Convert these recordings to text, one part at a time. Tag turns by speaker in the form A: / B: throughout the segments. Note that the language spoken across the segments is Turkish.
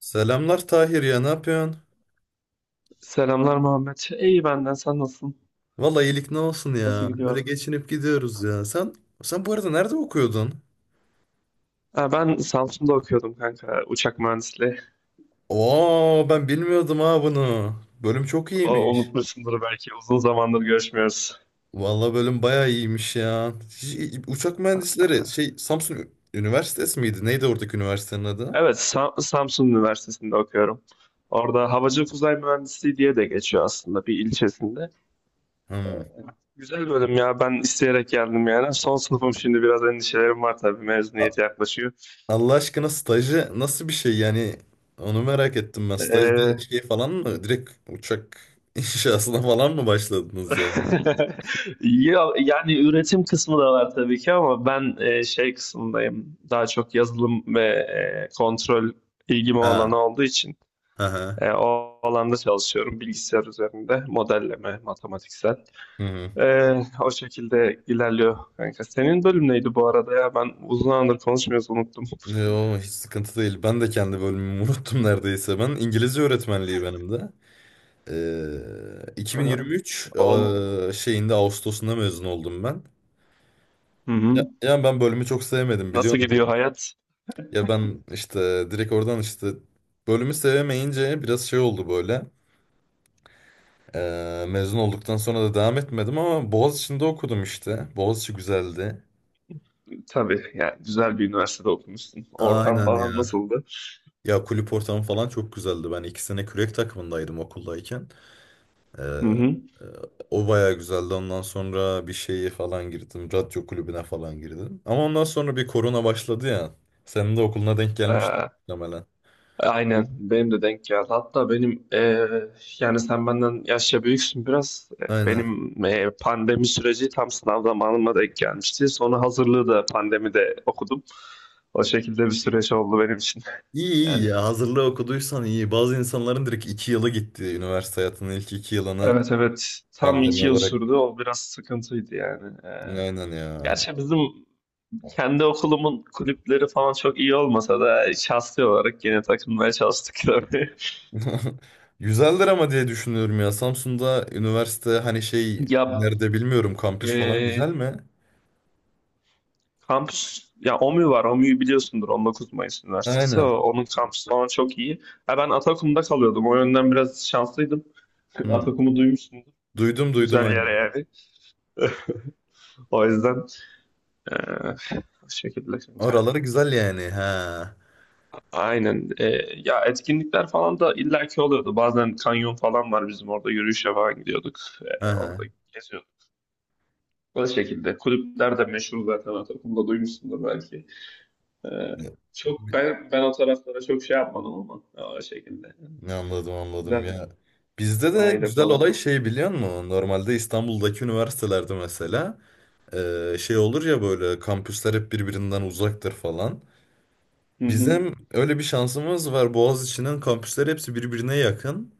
A: Selamlar Tahir ya ne yapıyorsun?
B: Selamlar Muhammed. İyi benden. Sen nasılsın?
A: Vallahi iyilik ne olsun
B: Nasıl
A: ya. Öyle
B: gidiyor?
A: geçinip gidiyoruz ya. Sen bu arada nerede okuyordun?
B: Ha, ben Samsun'da okuyordum kanka. Uçak mühendisliği.
A: Oo ben bilmiyordum ha bunu. Bölüm çok
B: O,
A: iyiymiş.
B: unutmuşsundur belki. Uzun zamandır görüşmüyoruz.
A: Vallahi bölüm bayağı iyiymiş ya. Uçak mühendisleri
B: Ha,
A: şey Samsun Üniversitesi miydi? Neydi oradaki üniversitenin adı?
B: evet, Samsun Üniversitesi'nde okuyorum. Orada Havacılık Uzay Mühendisliği diye de geçiyor aslında bir ilçesinde.
A: Hmm.
B: Güzel bölüm ya. Ben isteyerek geldim yani. Son sınıfım şimdi biraz endişelerim var tabii.
A: A-
B: Mezuniyet yaklaşıyor.
A: Allah aşkına stajı nasıl bir şey yani? Onu merak ettim ben. Stajda
B: Ee,
A: şey falan mı? Direkt uçak inşasına falan mı başladınız yani?
B: Ya, yani üretim kısmı da var tabii ki ama ben şey kısmındayım. Daha çok yazılım ve kontrol ilgim o alanı
A: Ha.
B: olduğu için
A: Aha.
B: o alanda çalışıyorum. Bilgisayar üzerinde modelleme, matematiksel.
A: Hı hı.
B: E, o şekilde ilerliyor kanka. Senin bölüm neydi bu arada ya? Ben uzun zamandır konuşmuyoruz unuttum.
A: Yo, hiç sıkıntı değil. Ben de kendi bölümümü unuttum neredeyse. Ben İngilizce öğretmenliği benim de.
B: Ha,
A: 2023
B: ol.
A: şeyinde Ağustos'unda mezun oldum ben.
B: Hı
A: Ya,
B: hı.
A: yani ben bölümü çok sevmedim biliyor
B: Nasıl
A: musun?
B: gidiyor hayat?
A: Ya ben işte direkt oradan işte bölümü sevemeyince biraz şey oldu böyle. Mezun olduktan sonra da devam etmedim ama Boğaziçi'nde okudum işte. Boğaziçi güzeldi.
B: Tabii yani güzel bir üniversitede okumuşsun. Ortam
A: Aynen ya.
B: falan nasıldı?
A: Ya kulüp ortamı falan çok güzeldi. Ben 2 sene kürek takımındaydım okuldayken. Ee,
B: Hı hı.
A: e, o bayağı güzeldi. Ondan sonra bir şeye falan girdim. Radyo kulübüne falan girdim. Ama ondan sonra bir korona başladı ya. Senin de okuluna denk gelmişti muhtemelen.
B: Aynen benim de denk geldi. Hatta benim yani sen benden yaşça büyüksün biraz.
A: Aynen.
B: Benim pandemi süreci tam sınav zamanıma denk gelmişti. Sonra hazırlığı da pandemide okudum. O şekilde bir süreç oldu benim için.
A: İyi iyi
B: Yani
A: ya. Hazırlığı okuduysan iyi. Bazı insanların direkt 2 yılı gitti. Üniversite hayatının ilk 2 yılını
B: evet evet tam
A: pandemi
B: 2 yıl
A: olarak.
B: sürdü. O biraz sıkıntıydı yani.
A: Aynen ya.
B: Gerçi bizim kendi okulumun kulüpleri falan çok iyi olmasa da şahsi olarak yine takılmaya çalıştık tabii.
A: Güzeldir ama diye düşünüyorum ya. Samsun'da üniversite hani şey
B: Ya
A: nerede bilmiyorum kampüs falan
B: eee
A: güzel mi?
B: Kampüs, ya OMÜ var. OMÜ'yü biliyorsundur. 19 Mayıs Üniversitesi.
A: Aynen.
B: Onun kampüsü falan çok iyi. Ha, ben Atakum'da kalıyordum. O yönden biraz şanslıydım.
A: Hı.
B: Atakum'u duymuşsundur.
A: Duydum duydum
B: Güzel yer
A: aynen.
B: yani. O yüzden eee bu şekilde kanka.
A: Oraları güzel yani. Ha.
B: Aynen. Ya etkinlikler falan da illaki oluyordu. Bazen kanyon falan var bizim orada. Yürüyüşe falan gidiyorduk. Orada
A: Aha.
B: geziyorduk. Bu şekilde. Kulüpler de meşhur zaten Atakum'da duymuşsundur belki. Ee, çok ben o taraflara çok şey yapmadım ama o şekilde.
A: Anladım anladım
B: Güzeldi.
A: ya. Bizde de
B: Sahile
A: güzel
B: falan.
A: olay şey biliyor musun? Normalde İstanbul'daki üniversitelerde mesela şey olur ya böyle kampüsler hep birbirinden uzaktır falan.
B: Hı hı.
A: Bizim öyle bir şansımız var. Boğaziçi'nin kampüsleri hepsi birbirine yakın.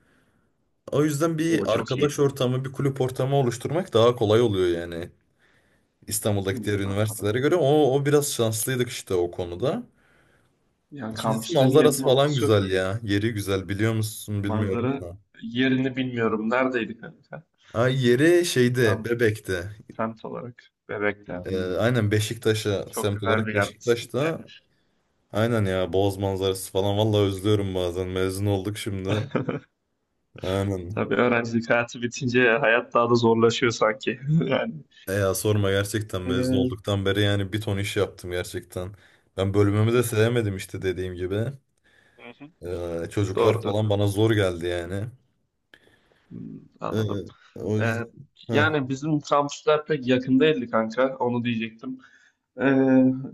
A: O yüzden
B: O
A: bir
B: çok iyi.
A: arkadaş ortamı, bir kulüp ortamı oluşturmak daha kolay oluyor yani.
B: Hı,
A: İstanbul'daki diğer
B: Anladım.
A: üniversitelere göre. O biraz şanslıydık işte o konuda.
B: Ya
A: İkincisi
B: kampüslerin
A: manzarası
B: yakın
A: falan
B: olması çok
A: güzel
B: iyi.
A: ya. Yeri güzel biliyor musun bilmiyorum
B: Manzara
A: da.
B: yerini bilmiyorum. Neredeydi kanka?
A: Ha, yeri şeyde
B: Tam
A: Bebek'te.
B: semt olarak. Bebek'te. Hmm.
A: Aynen Beşiktaş'a
B: Çok
A: semt
B: güzel
A: olarak
B: bir yerdesiniz ya.
A: Beşiktaş'ta. Aynen ya Boğaz manzarası falan vallahi özlüyorum bazen. Mezun olduk şimdi. Aynen.
B: Tabii öğrencilik hayatı bitince hayat daha da zorlaşıyor sanki. Yani.
A: E ya sorma gerçekten mezun
B: Ee,
A: olduktan beri yani bir ton iş yaptım gerçekten. Ben bölümümü de sevmedim işte dediğim gibi.
B: Hı hı.
A: Çocuklar
B: Doğrudur.
A: falan bana zor geldi yani.
B: Hmm,
A: Ee,
B: Anladım.
A: o
B: Ee,
A: yüzden. Heh.
B: yani bizim kampüsler pek yakın değildi kanka. Onu diyecektim. Ee,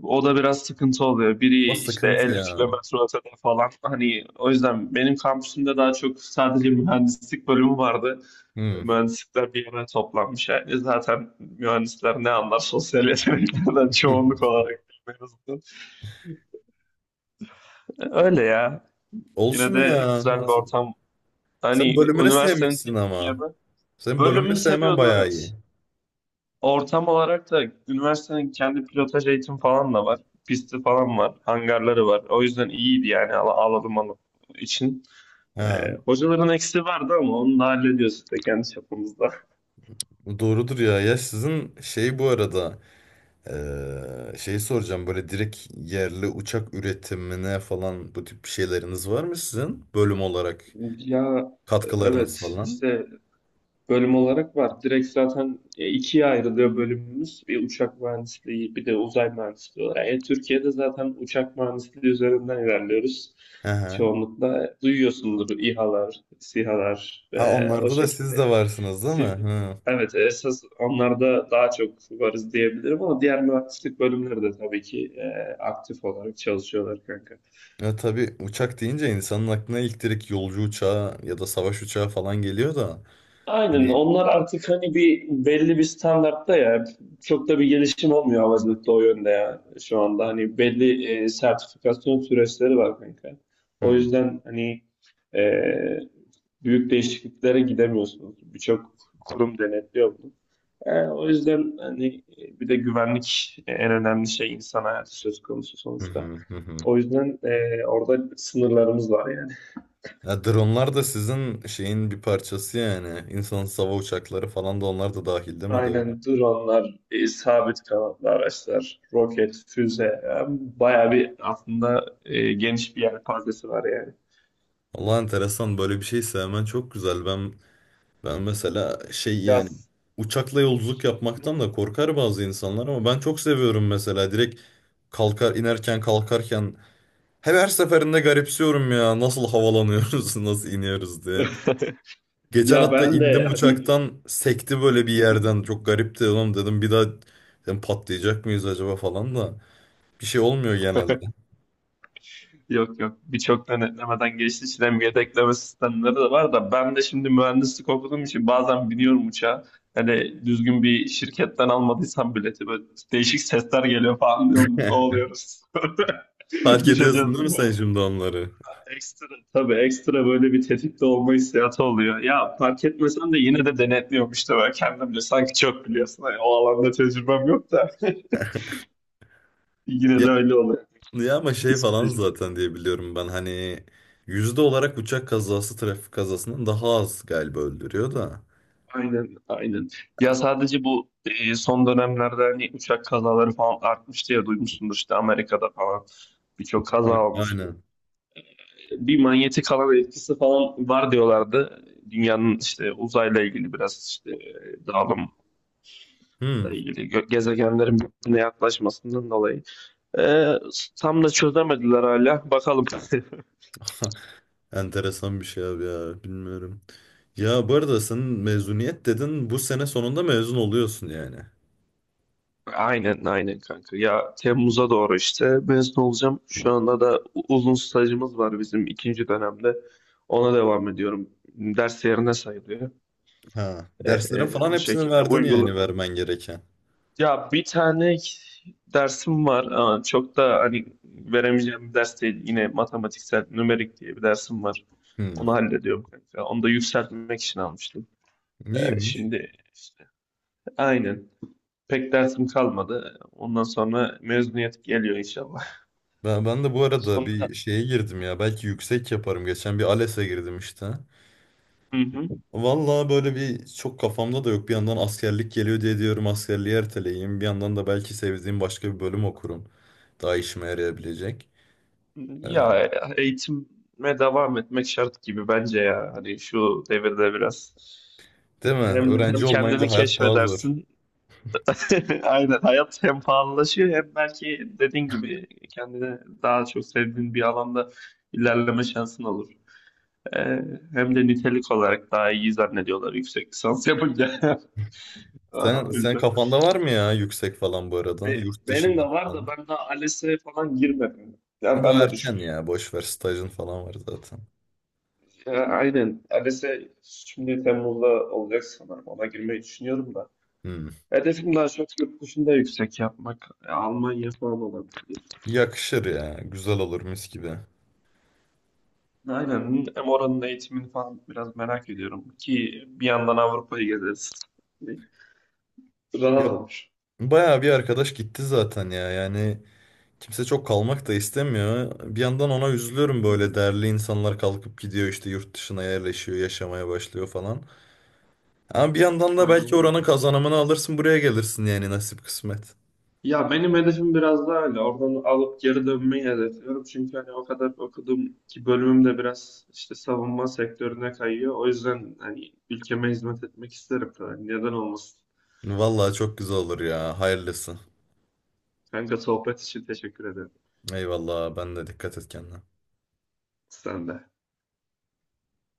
B: o da biraz sıkıntı oluyor.
A: O
B: Biri işte
A: sıkıntı
B: 50
A: ya.
B: kilometre ötede falan. Hani o yüzden benim kampüsümde daha çok sadece mühendislik bölümü vardı.
A: Hmm.
B: Mühendislikler bir yere toplanmış. Yani zaten mühendisler ne anlar sosyal yeteneklerden çoğunluk olarak en azından. Öyle ya. Yine
A: Olsun
B: de
A: ya.
B: güzel bir ortam.
A: Sen
B: Hani
A: bölümünü
B: üniversitenin
A: sevmişsin
B: tek iyi
A: ama.
B: yanı.
A: Senin bölümünü
B: Bölümümü
A: sevmen
B: seviyordum
A: bayağı iyi.
B: evet. Ortam olarak da üniversitenin kendi pilotaj eğitim falan da var. Pisti falan var. Hangarları var. O yüzden iyiydi yani alalım için. Ee,
A: Ha,
B: hocaların eksiği vardı ama onu da hallediyoruz işte kendi çapımızda.
A: doğrudur ya. Ya sizin şey bu arada şeyi soracağım böyle direkt yerli uçak üretimine falan bu tip şeyleriniz var mı sizin bölüm olarak
B: Ya
A: katkılarınız
B: evet
A: falan?
B: işte bölüm olarak var. Direkt zaten ikiye ayrılıyor bölümümüz. Bir uçak mühendisliği, bir de uzay mühendisliği olarak. Yani Türkiye'de zaten uçak mühendisliği üzerinden ilerliyoruz.
A: Hı hı.
B: Çoğunlukla duyuyorsundur İHA'lar, SİHA'lar
A: Ha,
B: ve o
A: onlarda da
B: şekilde
A: siz de
B: yani.
A: varsınız değil mi?
B: Si-
A: Hı.
B: Evet, esas onlarda daha çok varız diyebilirim ama diğer mühendislik bölümleri de tabii ki aktif olarak çalışıyorlar kanka.
A: Ya tabii uçak deyince insanın aklına ilk direkt yolcu uçağı ya da savaş uçağı falan geliyor da. Hani,
B: Aynen onlar artık hani bir belli bir standartta ya çok da bir gelişim olmuyor havacılıkta o yönde ya şu anda hani belli sertifikasyon süreçleri var kanka. O yüzden hani e, büyük değişikliklere gidemiyorsunuz. Birçok kurum denetliyor bunu. O yüzden hani bir de güvenlik en önemli şey insan hayatı söz konusu
A: hı,
B: sonuçta.
A: hı, hı, hı.
B: O yüzden orada sınırlarımız var yani.
A: Ya dronlar da sizin şeyin bir parçası yani. İnsansız hava uçakları falan da onlar da dahil değil mi? Doğru.
B: Aynen dronlar, sabit kanatlı araçlar, roket, füze. Yani bayağı bir aslında geniş bir yelpazesi var yani.
A: Allah enteresan böyle bir şey sevmen çok güzel. Ben mesela şey yani
B: Yaz.
A: uçakla yolculuk yapmaktan da korkar bazı insanlar ama ben çok seviyorum mesela direkt kalkar inerken kalkarken her seferinde garipsiyorum ya nasıl havalanıyoruz nasıl iniyoruz diye. Geçen
B: Ya
A: hatta
B: ben de
A: indim
B: hani
A: uçaktan sekti böyle bir yerden çok garipti oğlum dedim bir daha dedim, patlayacak mıyız acaba falan da. Bir şey olmuyor genelde.
B: yok yok birçok denetlemeden geçtiği için hem yedekleme sistemleri de var da ben de şimdi mühendislik okuduğum için bazen biniyorum uçağa. Hani düzgün bir şirketten almadıysam bileti böyle değişik sesler geliyor falan diyorum. Ne oluyoruz?
A: Fark ediyorsun
B: Düşeceğiz
A: değil mi
B: bu.
A: sen şimdi onları?
B: Ekstra tabii ekstra böyle bir tetikte olma hissiyatı oluyor. Ya fark etmesen de yine de denetliyormuş da ben kendimce sanki çok biliyorsun. Hani o alanda tecrübem yok da yine
A: Ya,
B: de öyle oluyor.
A: ya ama şey falan
B: Psikolojik.
A: zaten diye biliyorum ben hani yüzde olarak uçak kazası trafik kazasından daha az galiba öldürüyor da.
B: Aynen, aynen. Ya sadece bu son dönemlerde hani uçak kazaları falan artmış diye duymuşsundur işte Amerika'da falan birçok kaza olmuştu.
A: Aynen.
B: Bir manyetik alan etkisi falan var diyorlardı. Dünyanın işte uzayla ilgili biraz işte dağılım
A: Hmm.
B: ilgili gezegenlerin birbirine yaklaşmasından dolayı. Ee, tam da çözemediler hala. Bakalım.
A: Enteresan bir şey abi ya bilmiyorum. Ya bu arada sen
B: Ya,
A: mezuniyet dedin bu sene sonunda mezun oluyorsun yani.
B: Aynen aynen kanka. Ya Temmuz'a doğru işte mezun olacağım. Şu anda da uzun stajımız var bizim ikinci dönemde. Ona devam ediyorum. Ders yerine sayılıyor.
A: Ha,
B: Ee,
A: derslerin
B: e,
A: falan
B: o
A: hepsini
B: şekilde.
A: verdin yani vermen gereken.
B: Ya bir tane dersim var ama çok da hani veremeyeceğim bir ders değil. Yine matematiksel, nümerik diye bir dersim var.
A: Hmm.
B: Onu hallediyorum kanka. Onu da yükseltmek için almıştım. Ee,
A: Neymiş?
B: şimdi işte, aynen. Pek dersim kalmadı. Ondan sonra mezuniyet geliyor inşallah.
A: Ben de bu arada
B: Sonra
A: bir şeye girdim ya. Belki yüksek yaparım. Geçen bir ALES'e girdim işte.
B: hı hı.
A: Vallahi böyle bir çok kafamda da yok. Bir yandan askerlik geliyor diye diyorum askerliği erteleyeyim. Bir yandan da belki sevdiğim başka bir bölüm okurum. Daha işime yarayabilecek. Ee,
B: Ya eğitime devam etmek şart gibi bence ya. Hani şu devirde biraz
A: değil mi?
B: hem, hem
A: Öğrenci
B: kendini
A: olmayınca hayat daha zor.
B: keşfedersin Aynen. Hayat hem pahalılaşıyor hem belki dediğin gibi kendine daha çok sevdiğin bir alanda ilerleme şansın olur. Ee, hem de nitelik olarak daha iyi zannediyorlar yüksek lisans yapınca. Aa,
A: Sen,
B: O
A: sen
B: yüzden.
A: kafanda var mı ya yüksek falan bu arada? Yurt
B: Benim de
A: dışında
B: var
A: falan.
B: da ben daha ALES'e falan girmedim. Ya ben
A: Daha
B: de
A: erken
B: düşünüyorum.
A: ya. Boş ver stajın falan var zaten.
B: Ya, aynen. ALES'e şimdi Temmuz'da olacak sanırım. Ona girmeyi düşünüyorum da.
A: Hmm.
B: Hedefim daha çok yurt dışında yüksek yapmak. Almanya falan olabilir.
A: Yakışır ya. Güzel olur mis gibi.
B: Aynen. Hem oranın eğitimini falan biraz merak ediyorum. Ki bir yandan Avrupa'yı gezeriz. Rahat
A: Yap.
B: olur.
A: Bayağı bir arkadaş gitti zaten ya. Yani kimse çok kalmak da istemiyor. Bir yandan ona üzülüyorum
B: Hı hı.
A: böyle değerli insanlar kalkıp gidiyor işte yurt dışına yerleşiyor, yaşamaya başlıyor falan. Ama bir yandan da belki
B: Aynen
A: oranın
B: öyle.
A: kazanımını alırsın buraya gelirsin yani nasip kısmet.
B: Ya benim hedefim biraz daha öyle. Oradan alıp geri dönmeyi hedefliyorum. Çünkü hani o kadar okudum ki bölümüm de biraz işte savunma sektörüne kayıyor. O yüzden hani ülkeme hizmet etmek isterim. Yani neden olmasın?
A: Vallahi çok güzel olur ya. Hayırlısı.
B: Kanka sohbet için teşekkür ederim.
A: Eyvallah ben de dikkat et kendine.
B: Sen de.